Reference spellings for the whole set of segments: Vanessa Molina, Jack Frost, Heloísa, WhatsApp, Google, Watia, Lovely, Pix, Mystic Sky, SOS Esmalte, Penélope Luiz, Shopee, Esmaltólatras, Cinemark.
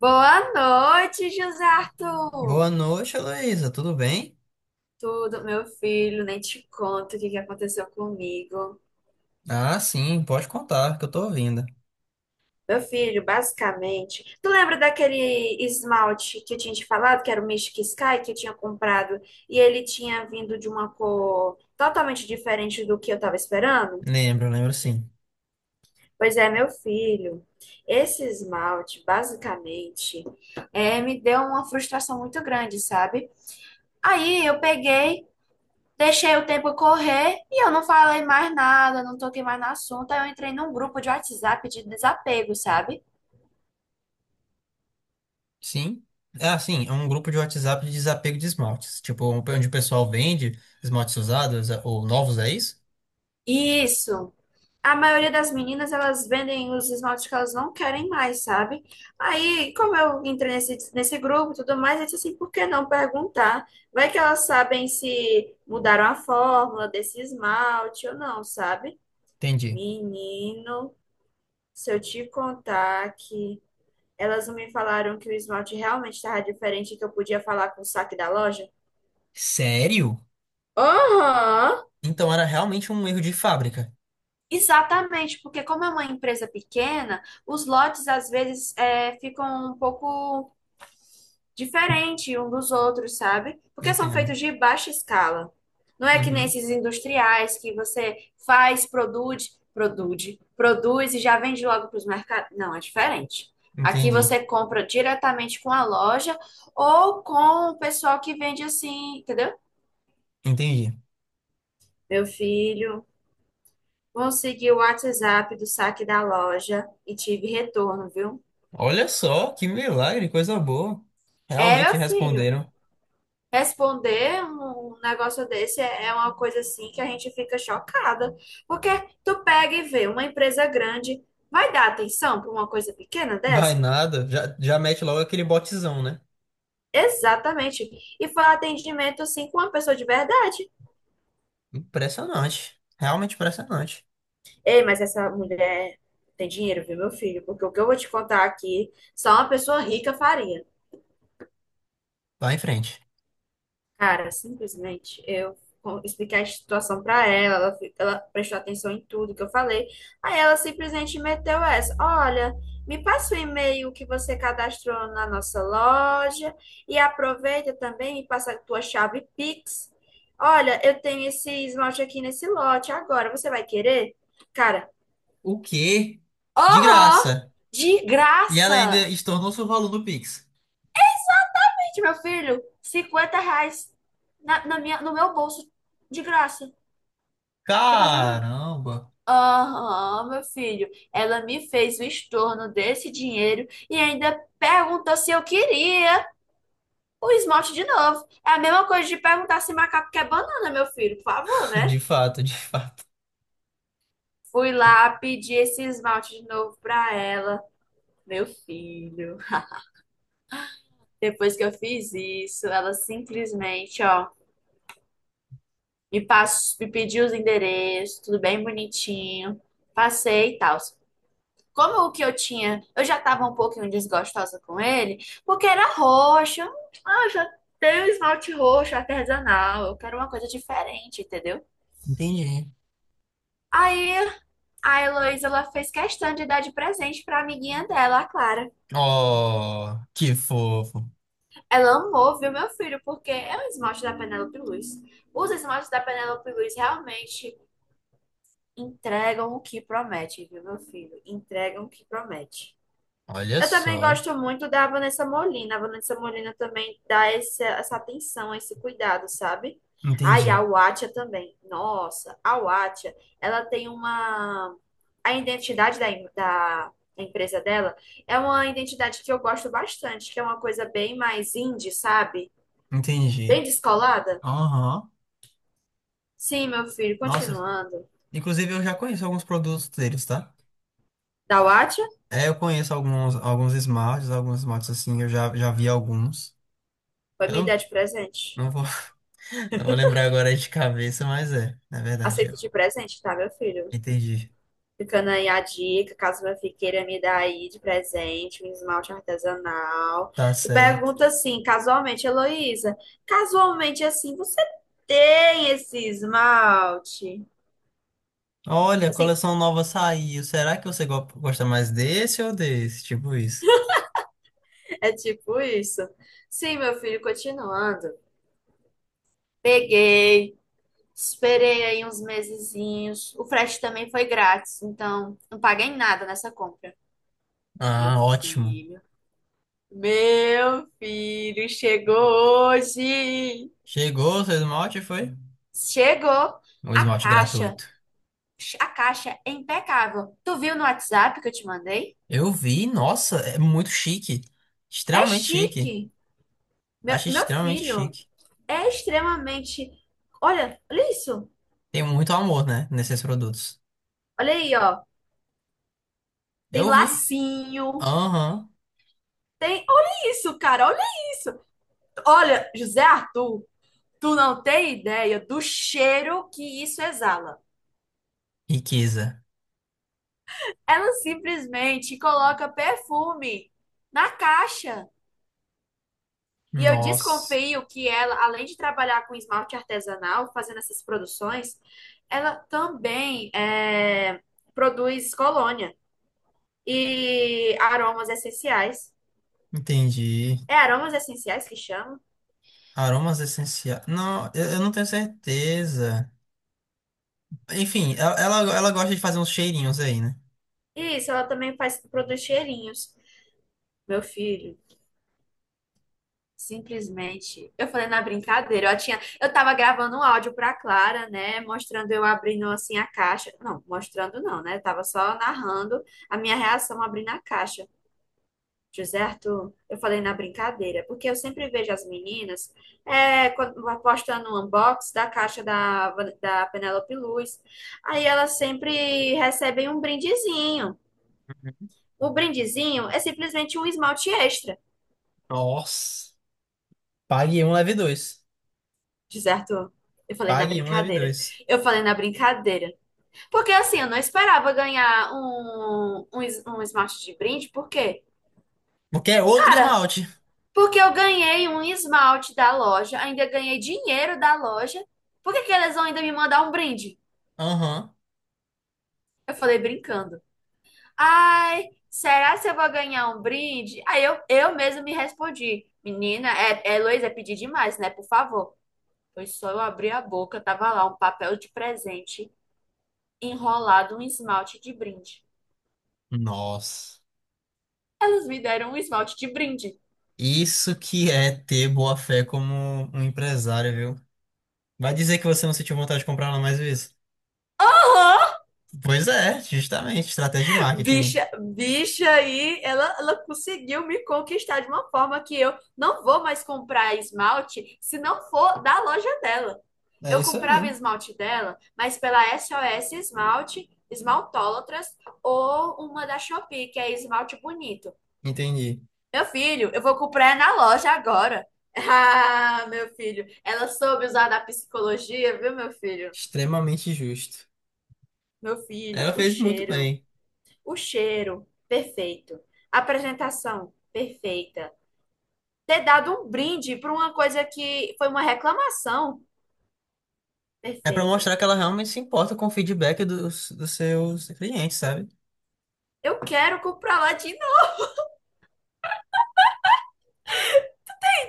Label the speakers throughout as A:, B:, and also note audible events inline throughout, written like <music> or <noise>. A: Boa noite, José Arthur!
B: Boa noite, Heloísa. Tudo bem?
A: Tudo, meu filho, nem te conto o que aconteceu comigo.
B: Ah, sim, pode contar, que eu tô ouvindo.
A: Meu filho, basicamente, tu lembra daquele esmalte que eu tinha te falado, que era o Mystic Sky, que eu tinha comprado, e ele tinha vindo de uma cor totalmente diferente do que eu tava esperando?
B: Lembro sim.
A: Pois é, meu filho, esse esmalte, basicamente, me deu uma frustração muito grande, sabe? Aí eu peguei. Deixei o tempo correr e eu não falei mais nada, não toquei mais no assunto. Aí eu entrei num grupo de WhatsApp de desapego, sabe?
B: Sim? Ah, sim, é um grupo de WhatsApp de desapego de esmaltes. Tipo, um, onde o pessoal vende esmaltes usados ou novos, é isso?
A: Isso. A maioria das meninas, elas vendem os esmaltes que elas não querem mais, sabe? Aí, como eu entrei nesse grupo e tudo mais, eu disse assim, por que não perguntar? Vai que elas sabem se mudaram a fórmula desse esmalte ou não, sabe?
B: Entendi.
A: Menino, se eu te contar que... Elas me falaram que o esmalte realmente estava diferente e que eu podia falar com o saque da loja.
B: Sério?
A: Aham.
B: Então era realmente um erro de fábrica.
A: Exatamente, porque como é uma empresa pequena, os lotes às vezes ficam um pouco diferente um dos outros, sabe? Porque são
B: Entendo.
A: feitos de baixa escala. Não é que nem
B: Uhum.
A: esses industriais que você faz, produz e já vende logo para os mercados. Não, é diferente. Aqui
B: Entendi,
A: você compra diretamente com a loja ou com o pessoal que vende assim, entendeu?
B: entendi.
A: Meu filho, consegui o WhatsApp do saque da loja e tive retorno, viu?
B: Olha só, que milagre, coisa boa.
A: É, meu
B: Realmente
A: filho.
B: responderam.
A: Responder um negócio desse é uma coisa assim que a gente fica chocada, porque tu pega e vê uma empresa grande, vai dar atenção para uma coisa pequena
B: Vai
A: dessa?
B: nada, já mete logo aquele botzão, né?
A: Exatamente. E foi um atendimento assim com uma pessoa de verdade.
B: Impressionante. Realmente impressionante.
A: Ei, mas essa mulher tem dinheiro, viu, meu filho? Porque o que eu vou te contar aqui, só uma pessoa rica faria.
B: Vai em frente.
A: Cara, simplesmente eu expliquei a situação pra ela, ela, ela prestou atenção em tudo que eu falei. Aí ela simplesmente meteu essa: Olha, me passa o e-mail que você cadastrou na nossa loja e aproveita também e passa a tua chave Pix. Olha, eu tenho esse esmalte aqui nesse lote agora, você vai querer? Cara,
B: O quê? De
A: oh,
B: graça.
A: de
B: E ela ainda
A: graça!
B: estornou-se o valor do Pix.
A: Gente, meu filho, 50 reais no meu bolso, de graça, sem fazer nada.
B: Caramba.
A: Aham, meu filho. Ela me fez o estorno desse dinheiro e ainda perguntou se eu queria o esmalte de novo. É a mesma coisa de perguntar se macaco quer banana, meu filho, por favor,
B: <laughs>
A: né?
B: De fato, de fato.
A: Fui lá pedir esse esmalte de novo pra ela, meu filho. Depois que eu fiz isso, ela simplesmente, ó, me pediu os endereços, tudo bem bonitinho. Passei e tal. Como o que eu tinha, eu já estava um pouquinho desgostosa com ele, porque era roxo. Ah, eu já tenho esmalte roxo artesanal, eu quero uma coisa diferente, entendeu?
B: Entendi.
A: Aí a Heloísa, ela fez questão de dar de presente pra amiguinha dela, a Clara.
B: Oh, que fofo.
A: Ela amou, viu, meu filho, porque é um esmalte da Penélope Luiz. Os esmaltes da Penélope Luiz realmente entregam o que promete, viu, meu filho? Entregam o que promete.
B: Olha
A: Eu também
B: só.
A: gosto muito da Vanessa Molina. A Vanessa Molina também dá essa atenção, esse cuidado, sabe? Ah, e
B: Entendi.
A: a Watia também. Nossa, a Watia, ela tem uma... A identidade da empresa dela é uma identidade que eu gosto bastante, que é uma coisa bem mais indie, sabe? Bem
B: Entendi.
A: descolada.
B: Aham.
A: Sim, meu filho,
B: Nossa.
A: continuando.
B: Inclusive, eu já conheço alguns produtos deles, tá?
A: Da Watia,
B: É, eu conheço alguns, alguns smarts assim, eu já vi alguns.
A: vai
B: Eu
A: me dar
B: não,
A: de presente.
B: não vou não vou lembrar agora de cabeça, mas é. Na verdade,
A: Aceito
B: eu
A: de presente, tá, meu filho?
B: entendi.
A: Ficando aí a dica, caso minha filha queira me dar aí de presente, um esmalte artesanal.
B: Tá
A: Tu
B: certo.
A: pergunta assim, casualmente, Heloísa, casualmente assim, você tem esse esmalte?
B: Olha, a
A: Assim,
B: coleção nova saiu. Será que você gosta mais desse ou desse? Tipo isso.
A: é tipo isso. Sim, meu filho, continuando. Peguei, esperei aí uns mesezinhos. O frete também foi grátis, então não paguei nada nessa compra. Meu
B: Ah, ótimo.
A: filho, meu filho, chegou hoje.
B: Chegou o seu esmalte, foi?
A: Chegou
B: Um
A: a
B: esmalte
A: caixa.
B: gratuito.
A: A caixa é impecável. Tu viu no WhatsApp que eu te mandei?
B: Eu vi, nossa, é muito chique.
A: É
B: Extremamente chique.
A: chique. Meu,
B: Achei
A: meu
B: extremamente
A: filho
B: chique.
A: é extremamente. Olha, olha isso.
B: Tem muito amor, né, nesses produtos.
A: Olha aí, ó. Tem
B: Eu vi.
A: lacinho.
B: Aham.
A: Tem. Olha isso, cara. Olha isso. Olha, José Arthur, tu não tem ideia do cheiro que isso exala.
B: Riqueza.
A: Ela simplesmente coloca perfume na caixa. E eu
B: Nossa.
A: desconfio que ela, além de trabalhar com esmalte artesanal, fazendo essas produções, ela também produz colônia e aromas essenciais.
B: Entendi.
A: É aromas essenciais que chama?
B: Aromas essenciais. Não, eu não tenho certeza. Enfim, ela gosta de fazer uns cheirinhos aí, né?
A: Isso, ela também faz, produz cheirinhos. Meu filho, simplesmente. Eu falei na brincadeira, eu tava gravando um áudio pra Clara, né? Mostrando eu abrindo assim a caixa. Não, mostrando não, né? Eu tava só narrando a minha reação abrindo a caixa. José, eu falei na brincadeira, porque eu sempre vejo as meninas é, quando- postando um unbox da caixa da Penélope Luz. Aí elas sempre recebem um brindezinho. O brindezinho é simplesmente um esmalte extra.
B: Nossa. Pague um, leve dois.
A: José, eu falei na
B: Pague um, leve
A: brincadeira.
B: dois.
A: Eu falei na brincadeira. Porque assim, eu não esperava ganhar um esmalte de brinde, porque,
B: Porque é outro
A: cara,
B: esmalte.
A: porque eu ganhei um esmalte da loja, ainda ganhei dinheiro da loja. Por que que eles vão ainda me mandar um brinde?
B: Aham.
A: Eu falei brincando. Ai, será se eu vou ganhar um brinde? Aí eu mesma me respondi. Menina, é Heloísa, é pedir demais, né? Por favor. Foi só eu abrir a boca, tava lá um papel de presente enrolado um esmalte de brinde.
B: Nossa.
A: Elas me deram um esmalte de brinde.
B: Isso que é ter boa fé como um empresário, viu? Vai dizer que você não sentiu vontade de comprar lá mais vezes? Pois é, justamente. Estratégia de marketing.
A: Bicha aí, ela conseguiu me conquistar de uma forma que eu não vou mais comprar esmalte se não for da loja dela.
B: É
A: Eu
B: isso aí.
A: comprava esmalte dela, mas pela SOS Esmalte, Esmaltólatras ou uma da Shopee, que é esmalte bonito.
B: Entendi.
A: Meu filho, eu vou comprar na loja agora. <laughs> Ah, meu filho, ela soube usar da psicologia, viu, meu filho?
B: Extremamente justo.
A: Meu filho,
B: Ela
A: o
B: fez muito
A: cheiro.
B: bem.
A: O cheiro, perfeito. A apresentação, perfeita. Ter dado um brinde para uma coisa que foi uma reclamação,
B: É pra
A: perfeito.
B: mostrar que ela realmente se importa com o feedback dos seus clientes, sabe?
A: Eu quero comprar lá de novo,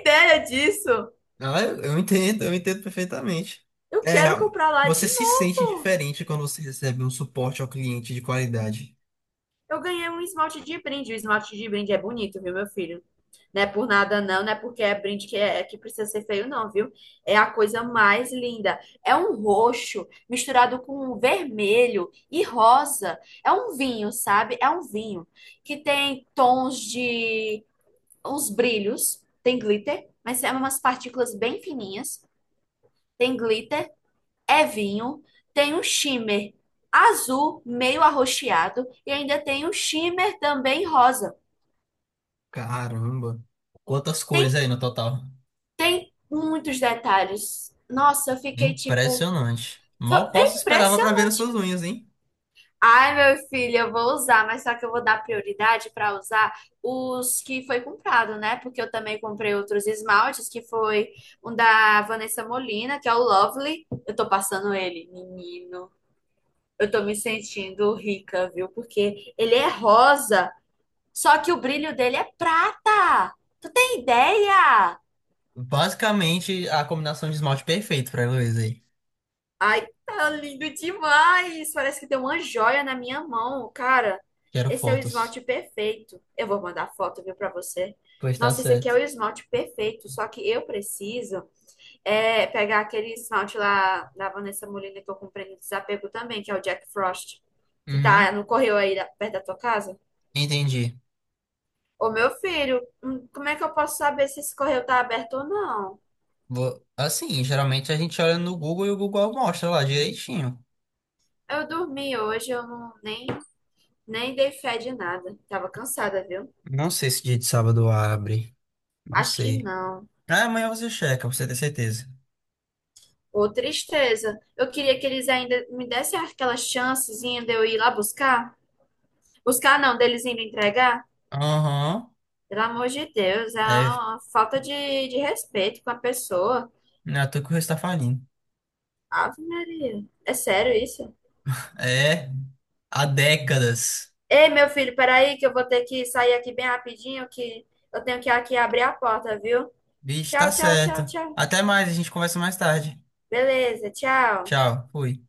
A: ideia disso.
B: Ah, eu entendo, eu entendo perfeitamente.
A: Eu
B: É,
A: quero
B: real-
A: comprar lá
B: Você
A: de
B: se sente
A: novo.
B: diferente quando você recebe um suporte ao cliente de qualidade.
A: Eu ganhei um esmalte de brinde. O esmalte de brinde é bonito, viu, meu filho? Não é por nada, não, não é porque é brinde que que precisa ser feio, não, viu? É a coisa mais linda. É um roxo misturado com um vermelho e rosa. É um vinho, sabe? É um vinho que tem tons de uns brilhos, tem glitter, mas é umas partículas bem fininhas. Tem glitter, é vinho, tem um shimmer azul, meio arroxeado, e ainda tem um shimmer também rosa.
B: Caramba, quantas
A: Tem
B: cores aí no total.
A: Tem muitos detalhes. Nossa, eu fiquei tipo.
B: Impressionante. Mal posso
A: É
B: esperava pra ver as
A: impressionante.
B: suas unhas, hein?
A: Ai, meu filho, eu vou usar, mas só que eu vou dar prioridade para usar os que foi comprado, né? Porque eu também comprei outros esmaltes, que foi um da Vanessa Molina, que é o Lovely. Eu tô passando ele, menino. Eu tô me sentindo rica, viu? Porque ele é rosa, só que o brilho dele é prata. Tu tem ideia?
B: Basicamente, a combinação de esmalte perfeito pra Heloísa aí.
A: Ai, tá lindo demais! Parece que tem uma joia na minha mão, cara.
B: Quero
A: Esse é o
B: fotos.
A: esmalte perfeito. Eu vou mandar foto, viu, pra você.
B: Pois tá
A: Nossa, esse aqui é
B: certo.
A: o esmalte perfeito, só que eu preciso é pegar aquele esmalte lá da Vanessa Molina que eu comprei no Desapego também, que é o Jack Frost, que tá
B: Uhum,
A: no correio aí perto da tua casa.
B: entendi.
A: Ô, meu filho, como é que eu posso saber se esse correio tá aberto ou não?
B: Assim, geralmente a gente olha no Google e o Google mostra lá direitinho.
A: Eu dormi hoje, eu não, nem, nem dei fé de nada. Tava cansada, viu?
B: Não sei se dia de sábado abre. Não
A: Acho que
B: sei.
A: não.
B: Ah, amanhã você checa, pra você ter certeza.
A: Ô, tristeza. Eu queria que eles ainda me dessem aquela chancezinha de eu ir lá buscar. Buscar não, deles indo entregar.
B: Aham.
A: Pelo amor de Deus, é
B: É.
A: uma falta de respeito com a pessoa.
B: Não é à toa que o resto tá falindo.
A: Ave Maria. É sério isso?
B: É. Há décadas.
A: Ei, meu filho, peraí que eu vou ter que sair aqui bem rapidinho, que eu tenho que aqui abrir a porta, viu?
B: Bicho, tá
A: Tchau, tchau, tchau,
B: certo.
A: tchau.
B: Até mais, a gente conversa mais tarde.
A: Beleza, tchau.
B: Tchau. Fui.